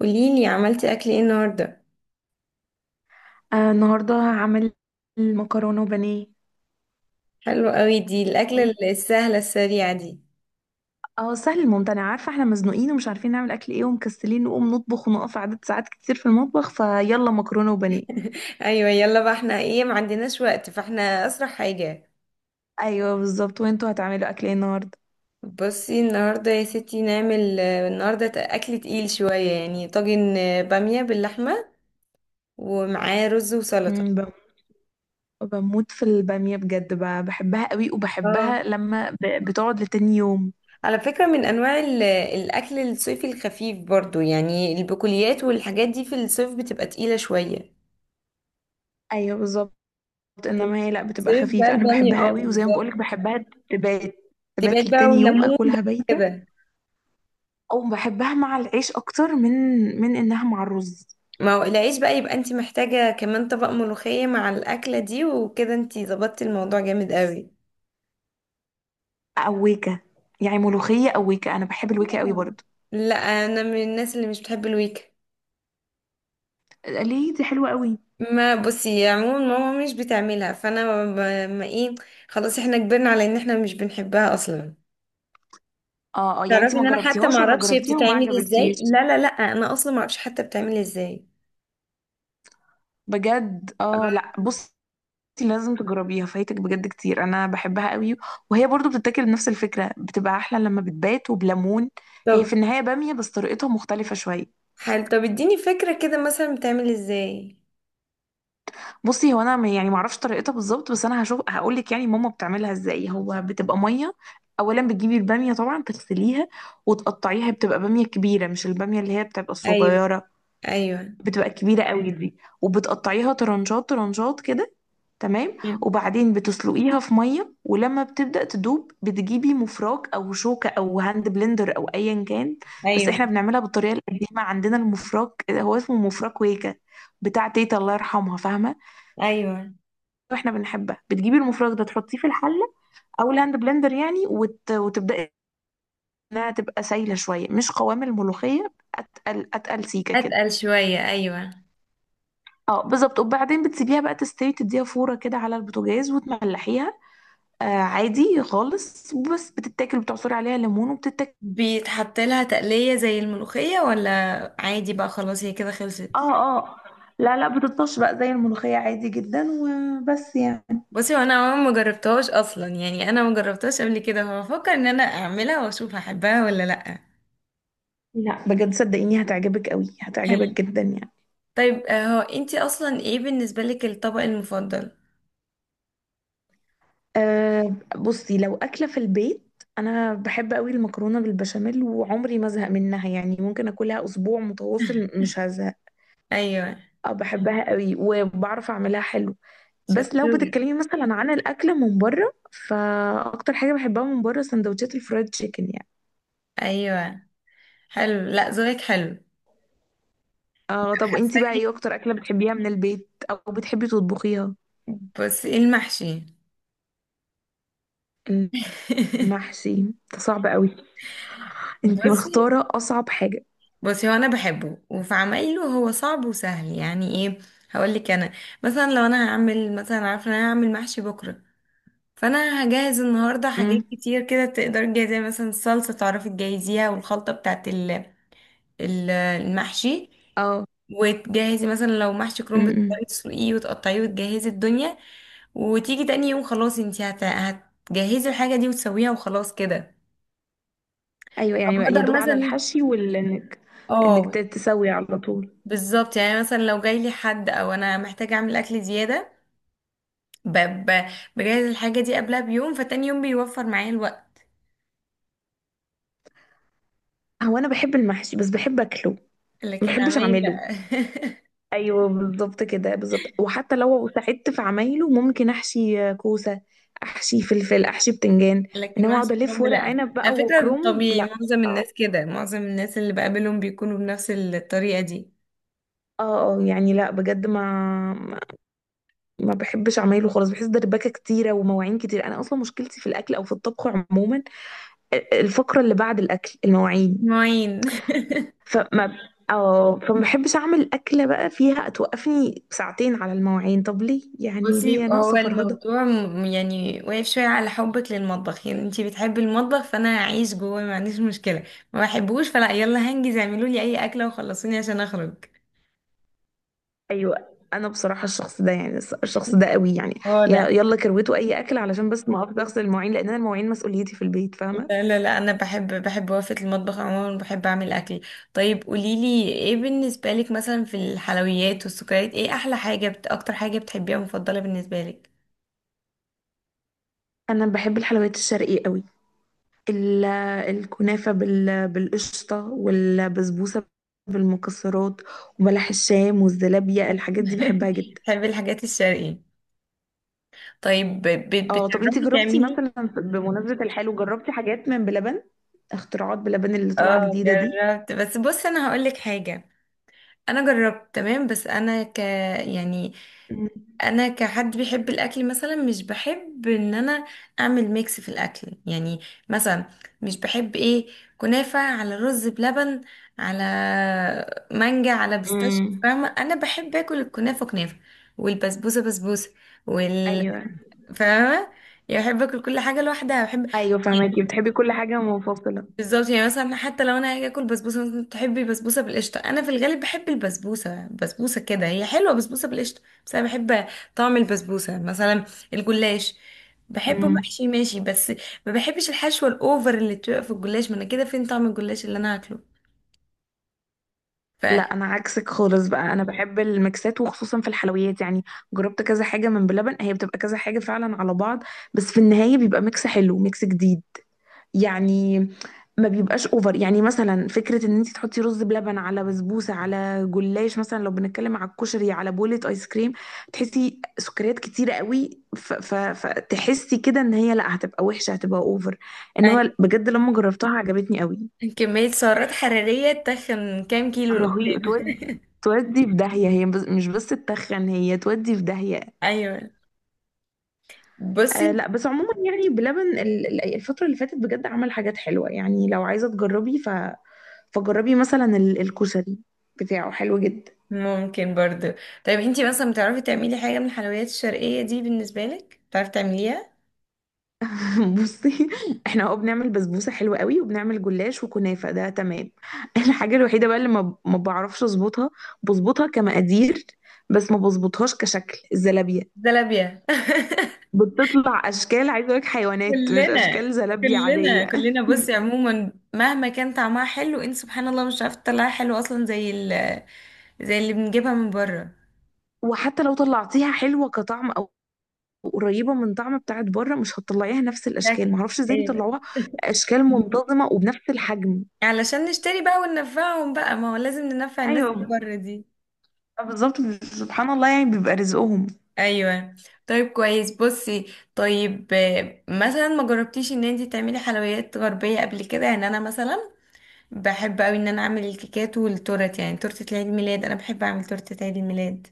قوليلي، عملتي اكل ايه النهارده؟ آه، النهارده هعمل المكرونه وبانيه. حلو قوي، دي الاكل السهله السريعه دي. اه، سهل الممتنع. عارفه، احنا مزنوقين ومش عارفين نعمل اكل ايه، ومكسلين نقوم نطبخ ونقف عدد ساعات كتير في المطبخ، فيلا مكرونه وبانيه. ايوه، يلا بقى، احنا ايه؟ ما عندناش وقت، فاحنا اسرع حاجه. ايوه بالظبط. وانتوا هتعملوا اكل ايه النهارده؟ بصي النهارده يا ستي نعمل، النهارده اكل تقيل شويه، يعني طاجن باميه باللحمه ومعاه رز مم، وسلطه. بم- بموت في الباميه بجد، بحبها قوي، اه، وبحبها لما بتقعد لتاني يوم. على فكره، من انواع الاكل الصيفي الخفيف برضو، يعني البقوليات والحاجات دي في الصيف بتبقى تقيله شويه. ايوه بالظبط. انما هي لا، بتبقى صيف بقى خفيفه. انا الباميه، بحبها اه قوي، وزي ما بالظبط. بقولك بحبها. تبات، تبقى تبات بقى لتاني يوم والليمون اكلها بايته. كده. او بحبها مع العيش اكتر من انها مع الرز. ما هو العيش بقى يبقى انت محتاجة كمان طبق ملوخية مع الأكلة دي، وكده انت ظبطتي الموضوع جامد قوي. أويكة؟ يعني ملوخية أويكة. أنا بحب الويكة قوي آه. برضه. لا، انا من الناس اللي مش بتحب الويك. ليه؟ دي حلوة قوي. ما بصي، عموما ماما مش بتعملها، فانا. ما ايه، خلاص احنا كبرنا على ان احنا مش بنحبها اصلا. اه اه، يعني انت تعرفي ان ما انا حتى ما جربتيهاش ولا اعرفش هي جربتيها وما بتتعمل ازاي؟ عجبتكيش؟ لا، لا، لا، انا اصلا ما اعرفش حتى بتعمل ازاي. بجد؟ اه، لا بصي، لازم تجربيها. فايتك بجد كتير، انا بحبها قوي. وهي برضو بتتاكل بنفس الفكرة، بتبقى احلى لما بتبات، وبليمون. هي في طب. النهاية بامية، بس طريقتها مختلفة شوية. حل، طب اديني فكرة كده، مثلا بتعمل ازاي؟ بصي، هو انا يعني ما اعرفش طريقتها بالظبط، بس انا هشوف هقول لك يعني ماما بتعملها ازاي. هو بتبقى ميه. اولا بتجيبي الباميه، طبعا تغسليها وتقطعيها. بتبقى باميه كبيره، مش الباميه اللي هي بتبقى ايوه، الصغيره. ايوه، بتبقى كبيره قوي دي. وبتقطعيها طرنشات طرنشات كده، تمام. وبعدين بتسلقيها في ميه، ولما بتبدا تدوب بتجيبي مفراك او شوكه او هاند بلندر او ايا كان. بس ايوه، احنا بنعملها بالطريقه القديمه، عندنا المفراك، هو اسمه مفراك ويكا، بتاع تيتا الله يرحمها، فاهمه؟ ايوه. واحنا بنحبها. بتجيبي المفرغ ده تحطيه في الحله، او الهاند بلندر يعني، وتبداي انها تبقى سايله شويه، مش قوام الملوخيه، اتقل اتقل، سيكه كده. اتقل شوية، ايوه. اه بالظبط. وبعدين بتسيبيها بقى تستوي، تديها فوره كده على البوتاجاز، وتملحيها. آه، عادي خالص. بس بتتاكل، بتعصري عليها ليمون وبتتاكل. بيتحط لها تقلية زي الملوخية ولا عادي بقى؟ خلاص هي كده خلصت. اه اه، لا لا. بتطش بقى زي الملوخيه عادي جدا، وبس يعني. بصي، وانا عموما ما جربتهاش اصلا، يعني انا ما جربتهاش قبل كده، فبفكر ان انا اعملها واشوف هحبها ولا لا. لا، بجد صدقيني، هتعجبك قوي، هتعجبك حلو. جدا يعني. طيب هو انتي اصلا ايه بالنسبة لك الطبق المفضل؟ أه، بصي لو أكلة في البيت، أنا بحب قوي المكرونة بالبشاميل، وعمري ما أزهق منها. يعني ممكن أكلها أسبوع متواصل، مش هزهق. ايوه. أه بحبها قوي، وبعرف أعملها حلو. بس لو شطورة. بتتكلمي مثلا عن الأكل من بره، فأكتر حاجة بحبها من بره سندوتشات الفرايد تشيكن يعني. ايوه. حلو، لا ذوقك حلو. أه، طب أنتي بقى حساكي. إيه أكتر أكلة بتحبيها من البيت أو بتحبي تطبخيها؟ بصي، المحشي. المحشي؟ ده صعب قوي. أنتي بصي. مختارة أصعب حاجة. بصي، هو انا بحبه وفي عمايله، هو صعب وسهل يعني، ايه. هقولك انا. مثلا لو انا هعمل مثلا، عارفه ان انا هعمل محشي بكره، فانا هجهز النهارده حاجات امم. كتير كده، تقدري تجهزيها مثلا الصلصه تعرفي تجهزيها، والخلطه بتاعت المحشي. أه. وتجهزي مثلا، لو محشي كرنب أمم. تقدري تسلقيه وتقطعيه وتجهزي الدنيا، وتيجي تاني يوم خلاص، انتي هتجهزي الحاجه دي وتسويها وخلاص كده. ايوه، طب يعني بقى يا اقدر دوب على مثلا، الحشي وال انك اه تسوي على طول. بالظبط، يعني مثلا لو جاي لي حد او انا محتاجه اعمل اكل زياده. ب... ب... بجهز الحاجه دي قبلها بيوم، فتاني يوم بيوفر معايا الوقت. هو انا بحب المحشي، بس بحب اكله، ما لكن بحبش عمال اعمله. لا. ايوه بالظبط كده، بالظبط. وحتى لو ساعدت في عمايله، ممكن احشي كوسه، احشي فلفل، احشي بتنجان. لكن انما اقعد محشي الف كرنب ورق لا، عنب على بقى فكره وكرنب، طبيعي، لا، معظم صعب. الناس كده، معظم الناس اللي بقابلهم بيكونوا بنفس الطريقه دي. اه اه يعني لا، بجد، ما ما بحبش اعمله خالص. بحس دربكه كتيره ومواعين كتير. انا اصلا مشكلتي في الاكل او في الطبخ عموما، الفقره اللي بعد الاكل المواعين. معين. فما اه فما بحبش اعمل اكله بقى فيها توقفني ساعتين على المواعين. طب ليه يعني؟ بصي، ليه؟ هو ناقصه فرهضه؟ الموضوع يعني واقف شوية على حبك للمطبخ، يعني انتي بتحبي المطبخ، فانا هعيش جوه ما عنديش مشكلة. ما بحبوش فلا يلا هنجز، اعملوا لي اي اكلة وخلصوني عشان اخرج. ايوه، انا بصراحه الشخص ده، يعني الشخص ده قوي يعني. واضح. يلا كروته اي اكل، علشان بس ما اقف اغسل المواعين، لان انا المواعين مسؤوليتي في البيت، فاهمه؟ لا، لا، لا، انا بحب بحب وقفة المطبخ عموما، بحب اعمل اكل. طيب قوليلي ايه بالنسبة لك، مثلا في الحلويات والسكريات، ايه احلى حاجة اكتر حاجة بتحبيها مفضلة بالنسبة لك؟ انا بحب الحلويات الشرقيه قوي، ال- الكنافه بالقشطه، والبسبوسه بالمكسرات، وبلح الشام والزلابيه، الحاجات دي بحبها جدا. بحب الحاجات الشرقية. طيب. اه، طب انت بتعرفي جربتي تعملي؟ مثلا بمناسبة الحلو، جربتي حاجات من بلبن؟ اختراعات بلبن اللي طالعة اه جديدة دي؟ جربت، بس بص انا هقولك حاجة. انا جربت تمام، بس انا. يعني مم. انا كحد بيحب الاكل، مثلا مش بحب ان انا اعمل ميكس في الاكل، يعني مثلا. مش بحب ايه؟ كنافة على رز بلبن، على مانجا، على بيستاشيو. مم. فاهمة، انا بحب اكل الكنافة كنافة، والبسبوسة بسبوسة، وال ايوه فاهمة، يعني بحب اكل كل حاجة لوحدها، بحب، ايوه، فهماكي، يعني. بتحبي كل حاجة منفصلة. بالظبط، يعني مثلا حتى لو انا هاجي اكل بسبوسه، مثلا تحبي بسبوسه بالقشطه، انا في الغالب بحب البسبوسه بسبوسه، كده هي حلوه بسبوسه بالقشطه، بس انا بحب طعم البسبوسه مثلا. الجلاش بحبه مم. محشي ماشي، بس ما بحبش الحشوه الاوفر اللي بتبقى في الجلاش، ما انا كده فين طعم الجلاش اللي انا هاكله؟ ف لا، انا عكسك خالص بقى. انا بحب الميكسات، وخصوصا في الحلويات يعني. جربت كذا حاجة من بلبن، هي بتبقى كذا حاجة فعلا على بعض، بس في النهاية بيبقى ميكس حلو، ميكس جديد يعني. ما بيبقاش اوفر. يعني مثلا فكره ان انت تحطي رز بلبن على بسبوسه على جلاش، مثلا لو بنتكلم على الكشري على بولة ايس كريم، تحسي سكريات كتيره قوي، فتحسي كده ان هي لا، هتبقى وحشه، هتبقى اوفر. يعني انما بجد لما جربتها عجبتني قوي. كميه سعرات حراريه تخن كام كيلو لقدام. رهيب. تودي، تودي في داهيه. هي بس مش بس تتخن، هي تودي في داهيه. ايوه، بصي. آه لا، بس عموما يعني بلبن الفتره اللي فاتت بجد عمل حاجات حلوه. يعني لو عايزه تجربي، فجربي مثلا الكشري بتاعه حلو جدا. ممكن برضو. طيب انتي مثلا بتعرفي تعملي حاجه من الحلويات الشرقيه دي، بالنسبه لك بتعرفي تعمليها؟ بصي، احنا اه بنعمل بسبوسه حلوه قوي، وبنعمل جلاش وكنافه، ده تمام. الحاجه الوحيده بقى اللي ما بعرفش اظبطها، بظبطها كمقادير، بس ما بظبطهاش كشكل الزلابيه. زلابية. بتطلع اشكال، عايزه اقول لك حيوانات، مش كلنا، اشكال زلابيه كلنا، عاديه. كلنا، بصي عموما مهما كان طعمها حلو، انت سبحان الله مش عارفه تطلعها حلو اصلا، زي زي اللي بنجيبها من بره. وحتى لو طلعتيها حلوه كطعم او قريبه من طعم بتاعت بره، مش هتطلعيها نفس الاشكال. ما شكل، اعرفش ازاي ايوه. بيطلعوها اشكال منتظمه وبنفس الحجم. علشان نشتري بقى وننفعهم بقى، ما هو لازم ننفع الناس اللي ايوه بره دي. بالظبط، سبحان الله، يعني بيبقى رزقهم. ايوه. طيب كويس، بصي. طيب مثلا ما جربتيش ان انت تعملي حلويات غربيه قبل كده؟ يعني انا مثلا بحب قوي ان انا اعمل الكيكات والتورت، يعني تورته عيد الميلاد، انا بحب اعمل تورته عيد الميلاد.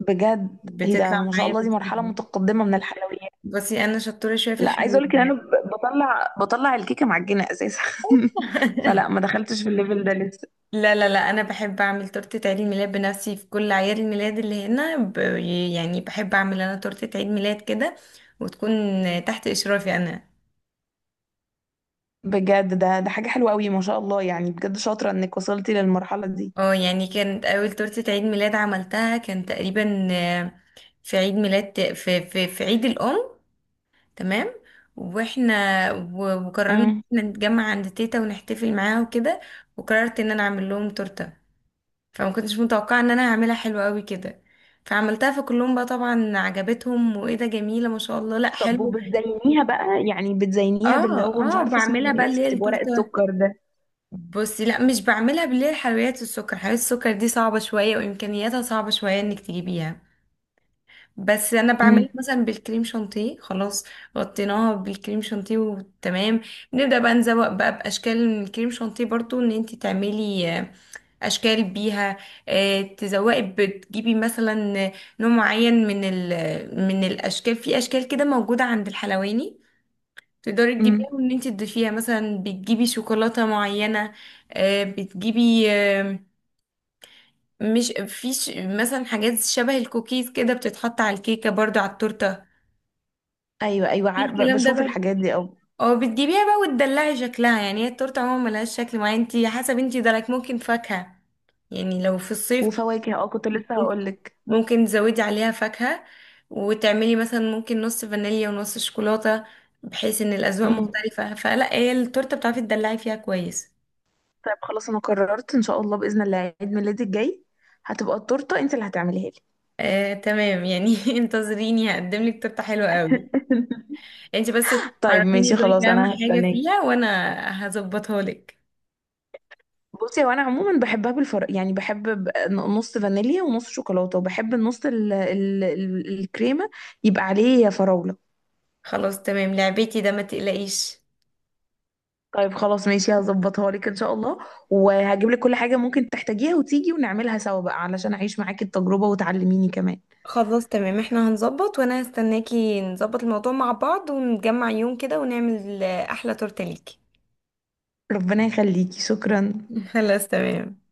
بجد؟ ايه ده، بتطلع ما شاء معايا الله، دي مرحلة بتجيب. متقدمة من الحلويات. بصي انا شطوره شويه في لا، عايزة الحلويات. اقولك ان انا بطلع الكيكة معجنة اساسا. فلا ما دخلتش في الليفل ده لسه. لا، لا، لا، انا بحب اعمل تورته عيد الميلاد بنفسي في كل اعياد الميلاد اللي هنا. يعني بحب اعمل انا تورته عيد ميلاد كده، وتكون تحت اشرافي انا. بجد؟ ده حاجة حلوة قوي، ما شاء الله. يعني بجد شاطرة انك وصلتي للمرحلة دي. اه يعني كانت اول تورته عيد ميلاد عملتها كان تقريبا في عيد ميلاد، في عيد الام. تمام. واحنا وقررنا إن امم احنا نتجمع عند تيتا ونحتفل معاها وكده. وقررت ان انا اعمل لهم تورته، فما كنتش متوقعه ان انا هعملها حلوه قوي كده. فعملتها في كلهم، بقى طبعا عجبتهم، وايه ده جميله ما شاء الله، لا طب حلو. وبتزينيها بقى، يعني بتزينيها اه. باللي هو مش اه، عارفة بعملها اسمه بقى ايه؟ اللي هي ورق التورته. السكر ده؟ بصي، لا مش بعملها باللي هي حلويات السكر، حلويات السكر دي صعبه شويه وامكانياتها صعبه شويه انك تجيبيها. بس انا امم. بعملها مثلا بالكريم شانتيه، خلاص. غطيناها بالكريم شانتيه وتمام. نبدا بقى نزوق بقى باشكال من الكريم شانتيه برضو، ان انت تعملي اشكال بيها. تزوقي بتجيبي مثلا نوع معين من من الاشكال، في اشكال كده موجوده عند الحلواني، تقدري امم. تجيبيها وان انت تضيفيها، مثلا بتجيبي شوكولاته معينه. بتجيبي مش في مثلا حاجات شبه الكوكيز كده بتتحط على الكيكه برضو على التورته. ايوه ايوه، في عارفة، الكلام ده بشوف بقى، الحاجات دي او اه بتجيبيها بقى وتدلعي شكلها، يعني هي التورته عموما ملهاش شكل معين، انت حسب انت درك ممكن فاكهه، يعني لو في الصيف وفواكه، اه، كنت لسه هقولك. ممكن تزودي عليها فاكهة، وتعملي مثلا ممكن نص فانيليا ونص شوكولاتة، بحيث ان الأذواق مختلفة، فلا هي التورتة بتعرفي تدلعي فيها كويس. طيب خلاص، انا قررت ان شاء الله باذن الله عيد ميلادي الجاي هتبقى التورته انت اللي هتعمليها لي. تمام يعني. انتظريني هقدم لك تورته حلوه قوي. انت بس طيب عرفيني ماشي ذوقك خلاص، اهم انا حاجه هستناكي. فيها، وانا هظبطها لك. بصي، هو انا عموما بحبها بالفرق، يعني بحب نص فانيليا ونص شوكولاته، وبحب النص الكريمه يبقى عليه فراوله. خلاص تمام، لعبتي ده ما تقلقيش. طيب خلاص ماشي، هظبطها لك ان شاء الله. وهجيب لك كل حاجه ممكن تحتاجيها، وتيجي ونعملها سوا بقى علشان اعيش معاكي التجربه، وتعلميني كمان. خلاص تمام، احنا هنظبط، وانا هستناكي نظبط الموضوع مع بعض ونجمع يوم كده ونعمل احلى تورته ليكي. ربنا يخليكي، شكرا. خلاص تمام.